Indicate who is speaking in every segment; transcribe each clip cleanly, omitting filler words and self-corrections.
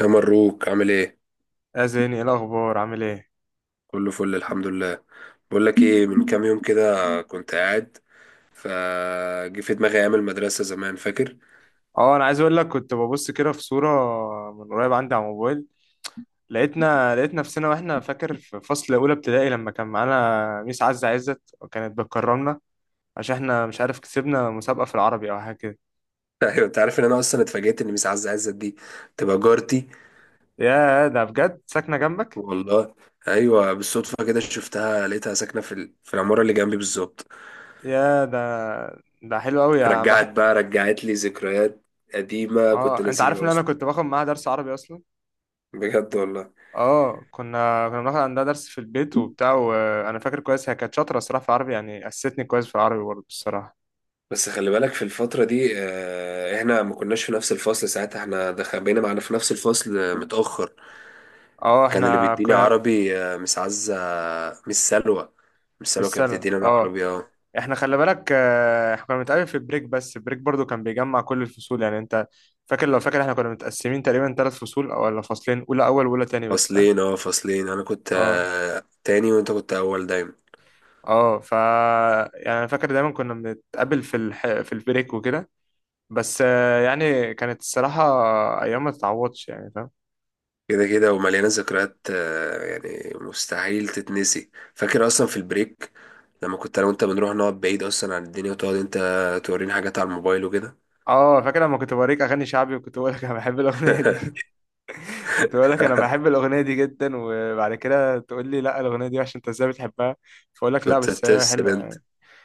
Speaker 1: يا مروك، عامل ايه؟
Speaker 2: يا زيني، ايه الاخبار؟ عامل ايه؟
Speaker 1: كله فل، الحمد لله. بقول لك ايه، من كام يوم كده كنت قاعد، فجه في دماغي ايام المدرسه زمان، فاكر؟
Speaker 2: اه، انا عايز اقول لك كنت ببص كده في صوره من قريب عندي على الموبايل، لقيت نفسنا واحنا فاكر في فصل اولى ابتدائي لما كان معانا ميس عزه عزت وكانت بتكرمنا عشان احنا، مش عارف، كسبنا مسابقه في العربي او حاجه كده.
Speaker 1: ايوه، انت عارف ان انا اصلا اتفاجئت ان ميس عزه عزت دي تبقى جارتي.
Speaker 2: يا ده، بجد ساكنه جنبك؟
Speaker 1: والله. ايوه بالصدفه كده شفتها، لقيتها ساكنه في العماره اللي جنبي بالظبط.
Speaker 2: يا ده، ده حلو قوي
Speaker 1: رجعت لي ذكريات قديمه كنت
Speaker 2: اه، انت عارف
Speaker 1: ناسيها
Speaker 2: ان انا
Speaker 1: اصلا.
Speaker 2: كنت باخد معاها درس عربي اصلا.
Speaker 1: بجد والله.
Speaker 2: اه، كنا بناخد عندها درس في البيت وبتاع، وانا فاكر كويس هي كانت شاطره الصراحه في العربي، يعني اسستني كويس في العربي برضه الصراحه.
Speaker 1: بس خلي بالك في الفترة دي، احنا ما كناش في نفس الفصل ساعتها، احنا دخل بقينا معانا في نفس الفصل متأخر.
Speaker 2: اه
Speaker 1: كان اللي
Speaker 2: احنا
Speaker 1: بيديني
Speaker 2: كنا
Speaker 1: عربي مس عزة، مس سلوى. مس سلوى كانت
Speaker 2: بالسنة.
Speaker 1: بتديني انا
Speaker 2: اه،
Speaker 1: عربي، اه.
Speaker 2: احنا خلي بالك، احنا كنا بنتقابل في البريك، بس البريك برضو كان بيجمع كل الفصول، يعني انت فاكر، لو فاكر احنا كنا متقسمين تقريبا ثلاث فصول او ولا فصلين، اولى اول واولى تاني بس، ها؟
Speaker 1: فصلين، انا كنت
Speaker 2: اه
Speaker 1: تاني وانت كنت اول دايما.
Speaker 2: اه، يعني انا فاكر دايما كنا بنتقابل في البريك وكده، بس يعني كانت الصراحة ايام ما تتعوضش، يعني فاهم.
Speaker 1: كده كده ومليانة ذكريات، يعني مستحيل تتنسي. فاكر اصلا في البريك لما كنت انا وانت بنروح نقعد بعيد اصلا عن الدنيا، وتقعد انت توريني حاجات على الموبايل وكده.
Speaker 2: اه، فاكر لما كنت بوريك اغاني شعبي، وكنت بقول لك انا بحب الاغنية دي، كنت بقول لك انا بحب الاغنيه دي جدا، وبعد كده تقول لي لا الاغنيه دي عشان انت ازاي بتحبها. فاقول لك لا
Speaker 1: كنت
Speaker 2: بس هي
Speaker 1: بتفصل
Speaker 2: حلوه
Speaker 1: انت
Speaker 2: يعني.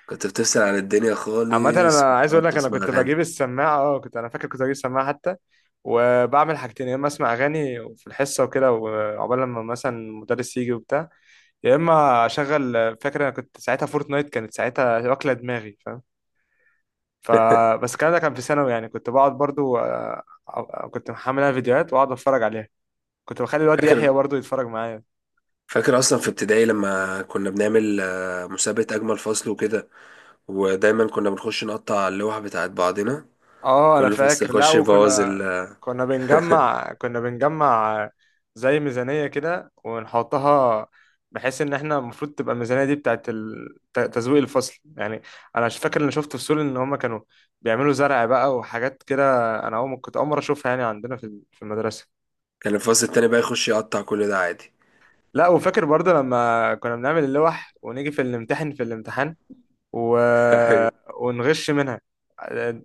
Speaker 1: كنت بتفصل عن الدنيا
Speaker 2: عامه،
Speaker 1: خالص،
Speaker 2: انا عايز
Speaker 1: وتقعد
Speaker 2: اقول لك انا
Speaker 1: تسمع
Speaker 2: كنت بجيب
Speaker 1: اغاني.
Speaker 2: السماعه، اه كنت انا فاكر كنت بجيب سماعه حتى، وبعمل حاجتين: يا اما اسمع اغاني في الحصه وكده وعقبال لما مثلا المدرس يجي وبتاع، يا اما اشغل. فاكر انا كنت ساعتها فورتنايت كانت ساعتها واكله دماغي، فاهم؟ فبس الكلام ده كان في ثانوي، يعني كنت بقعد برضو. كنت محملها فيديوهات واقعد اتفرج عليها، كنت بخلي الواد يحيى
Speaker 1: فاكر
Speaker 2: برضو يتفرج معايا.
Speaker 1: فاكر اصلا في ابتدائي لما كنا بنعمل مسابقة اجمل فصل وكده، ودايما كنا بنخش نقطع اللوح بتاعت بعضنا.
Speaker 2: اه، انا
Speaker 1: كل فصل
Speaker 2: فاكر. لا،
Speaker 1: يخش يبوظ
Speaker 2: وكنا
Speaker 1: ال...
Speaker 2: كنا بنجمع كنا بنجمع زي ميزانية كده ونحطها، بحيث ان احنا المفروض تبقى الميزانية دي بتاعت تزويق الفصل يعني. انا مش فاكر اللي شفته في سول ان هما كانوا بيعملوا زرع بقى وحاجات كده، انا كنت اول مرة اشوفها يعني عندنا في المدرسة.
Speaker 1: كان الفصل التاني بقى يخش يقطع كل ده عادي.
Speaker 2: لا، وفاكر برضه لما كنا بنعمل اللوح ونيجي في الامتحان و...
Speaker 1: ايوه.
Speaker 2: ونغش منها، آه،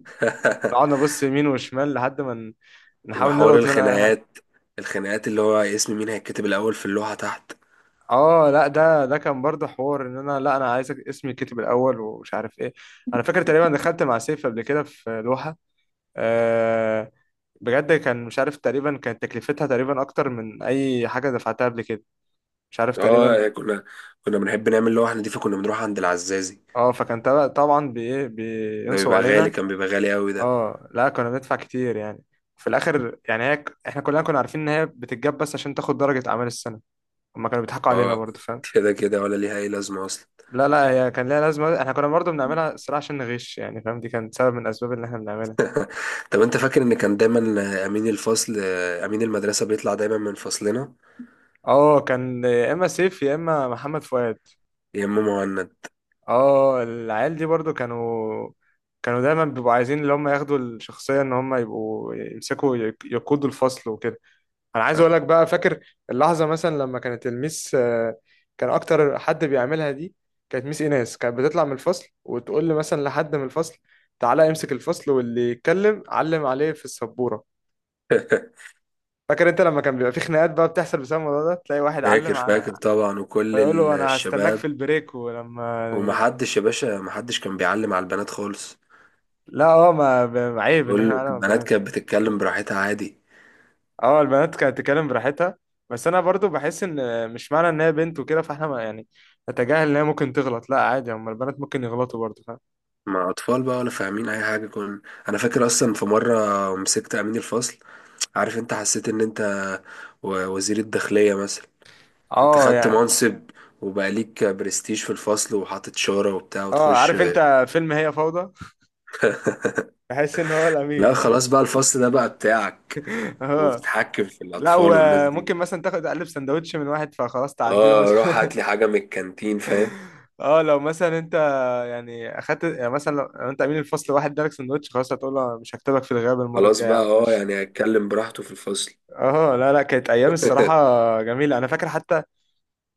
Speaker 2: نقعد نبص يمين وشمال لحد ما نحاول
Speaker 1: وحوار
Speaker 2: نلقط منها.
Speaker 1: الخناقات اللي هو اسم مين هيتكتب الاول في اللوحة تحت.
Speaker 2: اه لا، ده كان برضه حوار ان انا، لا انا عايز اسمي يتكتب الاول ومش عارف ايه. انا فاكر تقريبا دخلت مع سيف قبل كده في لوحه. أه، بجد، كان مش عارف، تقريبا كانت تكلفتها تقريبا اكتر من اي حاجه دفعتها قبل كده، مش عارف تقريبا.
Speaker 1: اه، كنا بنحب نعمل لوحة نضيفة، كنا بنروح عند العزازي.
Speaker 2: اه، فكان طبعا بي إيه،
Speaker 1: ده
Speaker 2: بينصب
Speaker 1: بيبقى غالي،
Speaker 2: علينا.
Speaker 1: كان بيبقى غالي قوي ده.
Speaker 2: اه لا، كنا بندفع كتير يعني، في الاخر يعني هي احنا كلنا كنا عارفين ان هي بتتجاب بس عشان تاخد درجه اعمال السنه، هما كانوا بيضحكوا علينا
Speaker 1: اه.
Speaker 2: برضه.
Speaker 1: كده كده ولا ليها اي لازمة اصلا.
Speaker 2: لا لا، هي كان ليها لازمة، احنا كنا برضه بنعملها الصراحة عشان نغش، يعني فاهم، دي كانت سبب من الأسباب اللي احنا بنعملها.
Speaker 1: طب انت فاكر ان كان دايما امين الفصل، امين المدرسه بيطلع دايما من فصلنا؟
Speaker 2: اه، كان يا إما سيف يا إما محمد فؤاد.
Speaker 1: يا اما مهند.
Speaker 2: اه، العيال دي برضه كانوا، كانوا دايما بيبقوا عايزين اللي هم ياخدوا الشخصية، ان هم يبقوا يمسكوا، يقودوا الفصل وكده. انا عايز اقول لك بقى فاكر اللحظة مثلا لما كانت الميس، كان اكتر حد بيعملها دي كانت ميس ايناس، كانت بتطلع من الفصل وتقول لي مثلا لحد من الفصل: تعالى امسك الفصل واللي يتكلم علم عليه في السبورة. فاكر انت لما كان بيبقى في خناقات بقى بتحصل بسبب الموضوع ده تلاقي واحد علم
Speaker 1: فاكر طبعا، وكل
Speaker 2: فيقول له انا هستناك
Speaker 1: الشباب.
Speaker 2: في البريك ولما.
Speaker 1: ومحدش يا باشا، محدش كان بيعلم على البنات خالص.
Speaker 2: لا اه، ما ب- عيب ان
Speaker 1: كل
Speaker 2: احنا علم
Speaker 1: البنات
Speaker 2: البنات.
Speaker 1: كانت بتتكلم براحتها عادي.
Speaker 2: اه، البنات كانت تتكلم براحتها، بس انا برضو بحس ان مش معنى ان هي بنت وكده فاحنا يعني نتجاهل ان هي ممكن تغلط، لا، عادي، هم البنات ممكن يغلطوا برضو، فاهم.
Speaker 1: مع اطفال بقى، ولا فاهمين اي حاجه. انا فاكر اصلا في مره مسكت امين الفصل. عارف انت حسيت ان انت وزير الداخليه مثلا. انت
Speaker 2: اه،
Speaker 1: خدت
Speaker 2: يعني.
Speaker 1: منصب وبقى ليك برستيج في الفصل، وحاطط شارة وبتاع
Speaker 2: اه،
Speaker 1: وتخش.
Speaker 2: عارف انت فيلم هي فوضى؟ بحس ان هو الامين،
Speaker 1: لا خلاص،
Speaker 2: فاهم؟
Speaker 1: بقى الفصل ده بقى بتاعك،
Speaker 2: اه،
Speaker 1: وبتتحكم في
Speaker 2: لا،
Speaker 1: الأطفال والناس دي.
Speaker 2: وممكن مثلا تاخد قلب سندوتش من واحد فخلاص تعدي له
Speaker 1: اه، روح
Speaker 2: مثلا.
Speaker 1: هات لي حاجة من الكانتين، فاهم.
Speaker 2: اه، لو مثلا، يعني اخدت يعني مثلا، لو انت امين الفصل واحد ادالك سندوتش، خلاص هتقول له مش هكتبك في الغياب المره
Speaker 1: خلاص
Speaker 2: الجايه، يا
Speaker 1: بقى،
Speaker 2: عم ماشي.
Speaker 1: يعني هيتكلم براحته في الفصل.
Speaker 2: اه لا لا، كانت ايام الصراحه جميله. انا فاكر حتى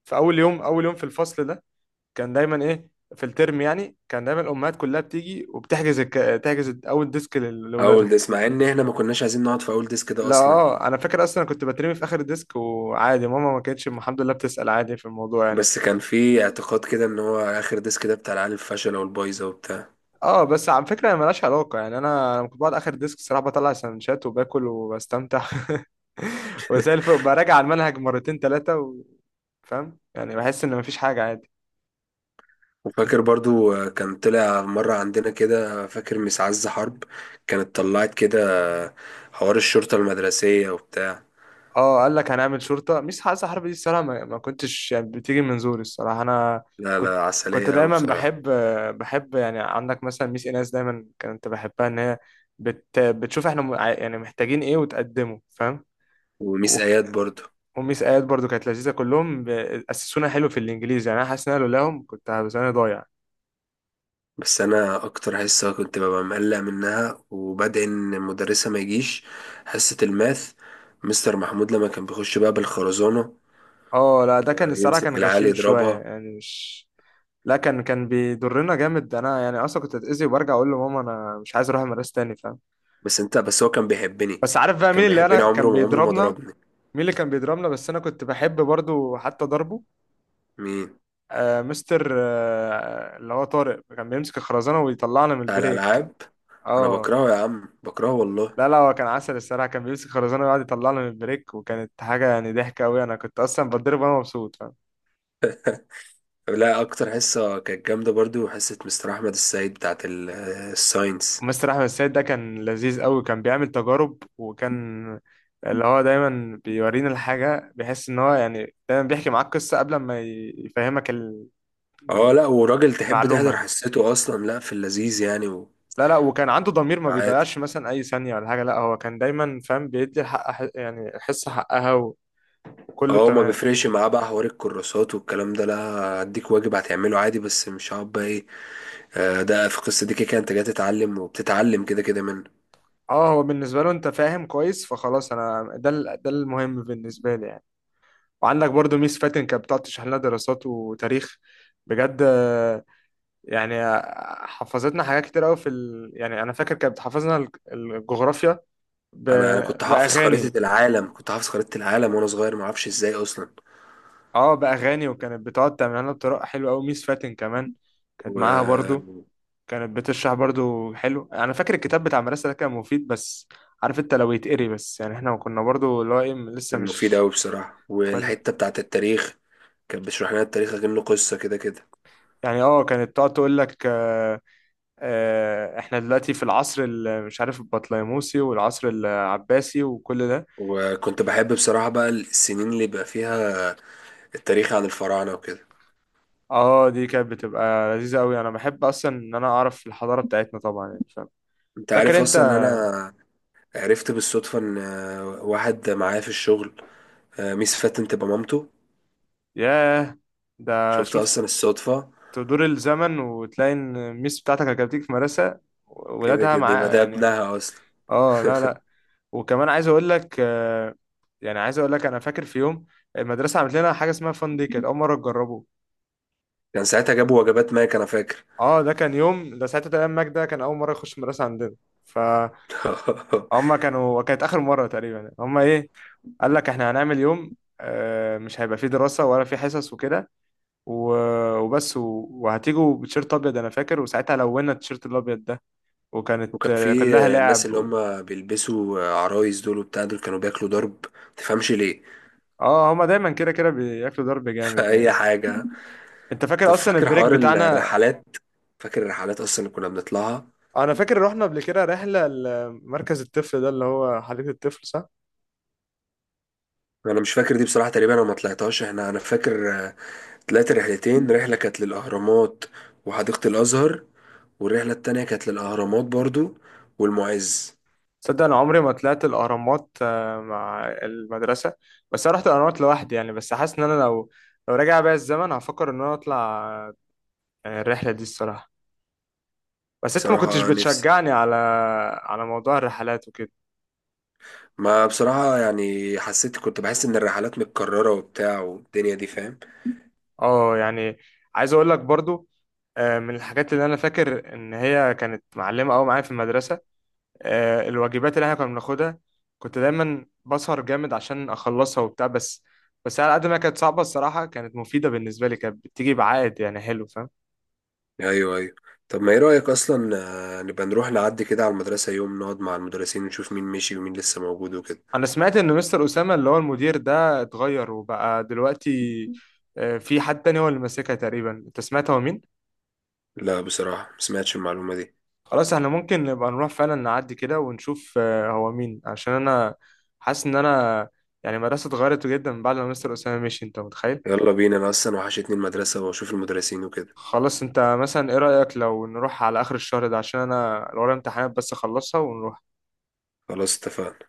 Speaker 2: في اول يوم في الفصل ده، كان دايما ايه، في الترم يعني كان دايما الامهات كلها بتيجي تحجز اول ديسك
Speaker 1: أول
Speaker 2: لاولادها.
Speaker 1: ديسك، مع إن إحنا ما كناش عايزين نقعد في أول ديسك ده
Speaker 2: لا
Speaker 1: أصلا.
Speaker 2: اه، انا فاكر اصلا كنت بترمي في اخر الديسك، وعادي ماما ما كانتش الحمد لله بتسال عادي في الموضوع يعني.
Speaker 1: بس كان في اعتقاد كده إن هو آخر ديسك ده بتاع العيال الفاشلة والبايظة وبتاع.
Speaker 2: اه، بس على فكره هي ملهاش علاقه يعني، انا لما كنت بقعد اخر ديسك الصراحه بطلع سندوتشات وباكل وبستمتع، وزي الفل براجع على المنهج مرتين ثلاثه فاهم يعني، بحس ان مفيش حاجه، عادي.
Speaker 1: وفاكر برضو، كان طلع مرة عندنا كده، فاكر مس عز حرب كانت طلعت كده، آه، حوار الشرطة المدرسية وبتاع.
Speaker 2: اه، قال لك هنعمل شرطه، مش حاسه حرب دي الصراحه، ما كنتش يعني بتيجي من زوري الصراحه انا.
Speaker 1: لا
Speaker 2: كنت،
Speaker 1: لا،
Speaker 2: كنت
Speaker 1: عسلية أوي
Speaker 2: دايما
Speaker 1: بصراحة.
Speaker 2: بحب، بحب يعني عندك مثلا ميس ايناس دايما كنت بحبها ان هي، بتشوف احنا يعني محتاجين ايه وتقدمه، فاهم.
Speaker 1: وميس آيات برضو.
Speaker 2: وميس آيات برضو كانت لذيذة، كلهم أسسونا حلو في الإنجليزي، يعني أنا حاسس إن أنا لولاهم كنت هبقى زماني ضايع.
Speaker 1: بس انا اكتر حصه كنت ببقى مقلق منها وبدعي ان المدرسه ما يجيش، حصه الماث. مستر محمود لما كان بيخش بقى بالخرزانه،
Speaker 2: اه لا، ده كان الصراحة
Speaker 1: يمسك
Speaker 2: كان
Speaker 1: العيال
Speaker 2: غشيم شوية،
Speaker 1: يضربها.
Speaker 2: يعني مش. لا كان بيضرنا جامد، أنا يعني أصلا كنت أتأذي وبرجع أقول لماما أنا مش عايز أروح المدرسة تاني، فاهم.
Speaker 1: بس هو كان بيحبني،
Speaker 2: بس عارف بقى مين
Speaker 1: كان
Speaker 2: اللي
Speaker 1: بيحبني،
Speaker 2: أنا كان
Speaker 1: عمره ما
Speaker 2: بيضربنا،
Speaker 1: ضربني.
Speaker 2: مين اللي كان بيضربنا بس أنا كنت بحب برضو حتى ضربه؟
Speaker 1: مين؟
Speaker 2: مستر، اللي هو طارق، كان بيمسك الخرزانة ويطلعنا من
Speaker 1: بتاع
Speaker 2: البريك.
Speaker 1: الالعاب. انا
Speaker 2: اه
Speaker 1: بكرهه يا عم، بكرهه والله.
Speaker 2: لا لا، هو كان عسل الصراحه، كان بيمسك خرزانه ويقعد يطلعنا من البريك، وكانت حاجه يعني ضحكه قوي، انا كنت اصلا بتضرب وانا مبسوط، فاهم.
Speaker 1: لا، اكتر حصه كانت جامده برضو حصه مستر احمد السيد، بتاعت الساينس.
Speaker 2: مستر احمد السيد ده كان لذيذ قوي، كان بيعمل تجارب، وكان اللي هو دايما بيورينا الحاجه، بيحس ان هو يعني دايما بيحكي معاك قصه قبل ما يفهمك
Speaker 1: اه، لا وراجل تحب تحضر
Speaker 2: المعلومه.
Speaker 1: حصته اصلا، لا في اللذيذ يعني.
Speaker 2: لا لا، وكان عنده ضمير ما
Speaker 1: وعادي.
Speaker 2: بيضيعش مثلا اي ثانيه ولا حاجه، لا هو كان دايما فاهم بيدي الحق، يعني الحصه حقها، وكله
Speaker 1: اه، ما
Speaker 2: تمام.
Speaker 1: بيفرقش معاه بقى حوار الكراسات والكلام ده، لا. هديك واجب هتعمله عادي، بس مش هقعد بقى ايه. ده في القصه دي كده كده انت جاي تتعلم، وبتتعلم كده كده منه.
Speaker 2: اه، هو بالنسبه له انت فاهم كويس فخلاص، انا ده المهم بالنسبه لي يعني. وعندك برضو ميس فاتن، كانت بتقعد تشرح لنا دراسات وتاريخ، بجد. يعني حفظتنا حاجات كتير قوي في يعني انا فاكر كانت بتحفظنا الجغرافيا ب...
Speaker 1: انا كنت حافظ
Speaker 2: باغاني.
Speaker 1: خريطه العالم، كنت حافظ خريطه العالم وانا صغير، ما اعرفش ازاي اصلا.
Speaker 2: اه، باغاني، وكانت بتقعد تعمل لنا بطريقه حلوه قوي ميس فاتن كمان، كانت معاها برضو،
Speaker 1: وكان
Speaker 2: كانت بتشرح برضو حلو. انا فاكر الكتاب بتاع المدرسه ده كان مفيد، بس عارف انت لو يتقري بس، يعني احنا كنا برضو اللي هو ايه لسه
Speaker 1: مفيد
Speaker 2: مش
Speaker 1: قوي بصراحه،
Speaker 2: كنا
Speaker 1: والحته بتاعه التاريخ كانت بتشرح لنا التاريخ كأنه قصه كده كده.
Speaker 2: يعني. اه، كانت تقعد تقول لك احنا دلوقتي في العصر مش عارف البطليموسي والعصر العباسي وكل ده.
Speaker 1: وكنت بحب بصراحه بقى السنين اللي بقى فيها التاريخ عن الفراعنه وكده.
Speaker 2: اه، دي كانت بتبقى لذيذة قوي، انا بحب اصلا ان انا اعرف الحضارة بتاعتنا طبعا، يعني فاهم.
Speaker 1: انت
Speaker 2: فاكر
Speaker 1: عارف
Speaker 2: انت،
Speaker 1: اصلا ان انا عرفت بالصدفه ان واحد معايا في الشغل، ميس فاتن تبقى مامته.
Speaker 2: ياه، ده
Speaker 1: شفتها
Speaker 2: شفت،
Speaker 1: اصلا الصدفة.
Speaker 2: تدور الزمن وتلاقي ان الميس بتاعتك اللي كانت بتيجي في مدرسة
Speaker 1: كده
Speaker 2: ولادها
Speaker 1: كده يبقى
Speaker 2: معاه
Speaker 1: ده
Speaker 2: يعني.
Speaker 1: ابنها اصلا.
Speaker 2: اه لا لا، وكمان عايز اقول لك يعني عايز اقول لك انا فاكر في يوم المدرسة عملت لنا حاجة اسمها فان، دي كانت اول مرة تجربه.
Speaker 1: كان ساعتها جابوا وجبات ماك، انا فاكر.
Speaker 2: اه، ده كان يوم، ده ساعتها تمام، ماك ده كان اول مره يخش المدرسه عندنا، فهم. كانت اخر مره تقريبا، هم ايه، قال لك احنا هنعمل يوم مش هيبقى فيه دراسه ولا فيه حصص وكده، وبس، وهتيجوا بتيشيرت ابيض انا فاكر، وساعتها لونا التيشيرت الابيض ده، وكانت
Speaker 1: وكان في
Speaker 2: كلها
Speaker 1: الناس
Speaker 2: لعب
Speaker 1: اللي هم بيلبسوا عرايس، دول وبتاع دول كانوا بياكلوا ضرب، متفهمش ليه.
Speaker 2: اه، هما دايما كده كده بياكلوا ضرب
Speaker 1: في
Speaker 2: جامد يعني.
Speaker 1: اي حاجة.
Speaker 2: انت فاكر
Speaker 1: طب
Speaker 2: اصلا
Speaker 1: فاكر
Speaker 2: البريك
Speaker 1: حوار
Speaker 2: بتاعنا.
Speaker 1: الرحلات؟ فاكر الرحلات اصلا اللي كنا بنطلعها.
Speaker 2: انا فاكر رحنا قبل كده رحله لمركز الطفل ده، اللي هو حديقه الطفل، صح؟
Speaker 1: انا مش فاكر دي بصراحة، تقريبا انا ما طلعتهاش. احنا انا فاكر، طلعت رحلتين، رحلة كانت للاهرامات وحديقة الازهر، والرحلة التانية كانت للأهرامات برضو والمعز.
Speaker 2: تصدق انا عمري ما طلعت الاهرامات مع المدرسه، بس انا رحت الاهرامات لوحدي يعني، بس حاسس ان انا لو، لو راجع بيا الزمن هفكر ان انا اطلع الرحله دي الصراحه. بس انت ما كنتش
Speaker 1: بصراحة نفسي.
Speaker 2: بتشجعني على، على موضوع الرحلات وكده.
Speaker 1: ما بصراحة يعني، كنت بحس إن الرحلات متكررة وبتاع والدنيا دي، فاهم.
Speaker 2: اه، يعني، عايز اقول لك برضو من الحاجات اللي انا فاكر ان هي كانت معلمه قوي معايا في المدرسه، الواجبات اللي احنا كنا بناخدها، كنت دايما بسهر جامد عشان اخلصها وبتاع، بس بس على قد ما كانت صعبة الصراحة كانت مفيدة بالنسبة لي، كانت بتيجي بعائد يعني حلو، فاهم.
Speaker 1: أيوه أيوه. طب ما إيه رأيك أصلا، نبقى نروح نعدي كده على المدرسة يوم، نقعد مع المدرسين ونشوف مين مشي ومين لسه موجود وكده.
Speaker 2: انا سمعت ان مستر أسامة اللي هو المدير ده اتغير، وبقى دلوقتي في حد تاني هو اللي ماسكها تقريبا، انت سمعت هو مين؟
Speaker 1: لا بصراحة، مسمعتش المعلومة دي.
Speaker 2: خلاص، احنا ممكن نبقى نروح فعلا نعدي كده ونشوف هو مين، عشان انا حاسس ان انا يعني المدرسة اتغيرت جدا بعد ما مستر أسامة مشي، انت متخيل؟
Speaker 1: يلا بينا، أنا أصلا وحشتني المدرسة وأشوف المدرسين وكده.
Speaker 2: خلاص، انت مثلا ايه رأيك لو نروح على اخر الشهر ده، عشان انا لو ورايا امتحانات بس اخلصها ونروح.
Speaker 1: خلاص اتفقنا.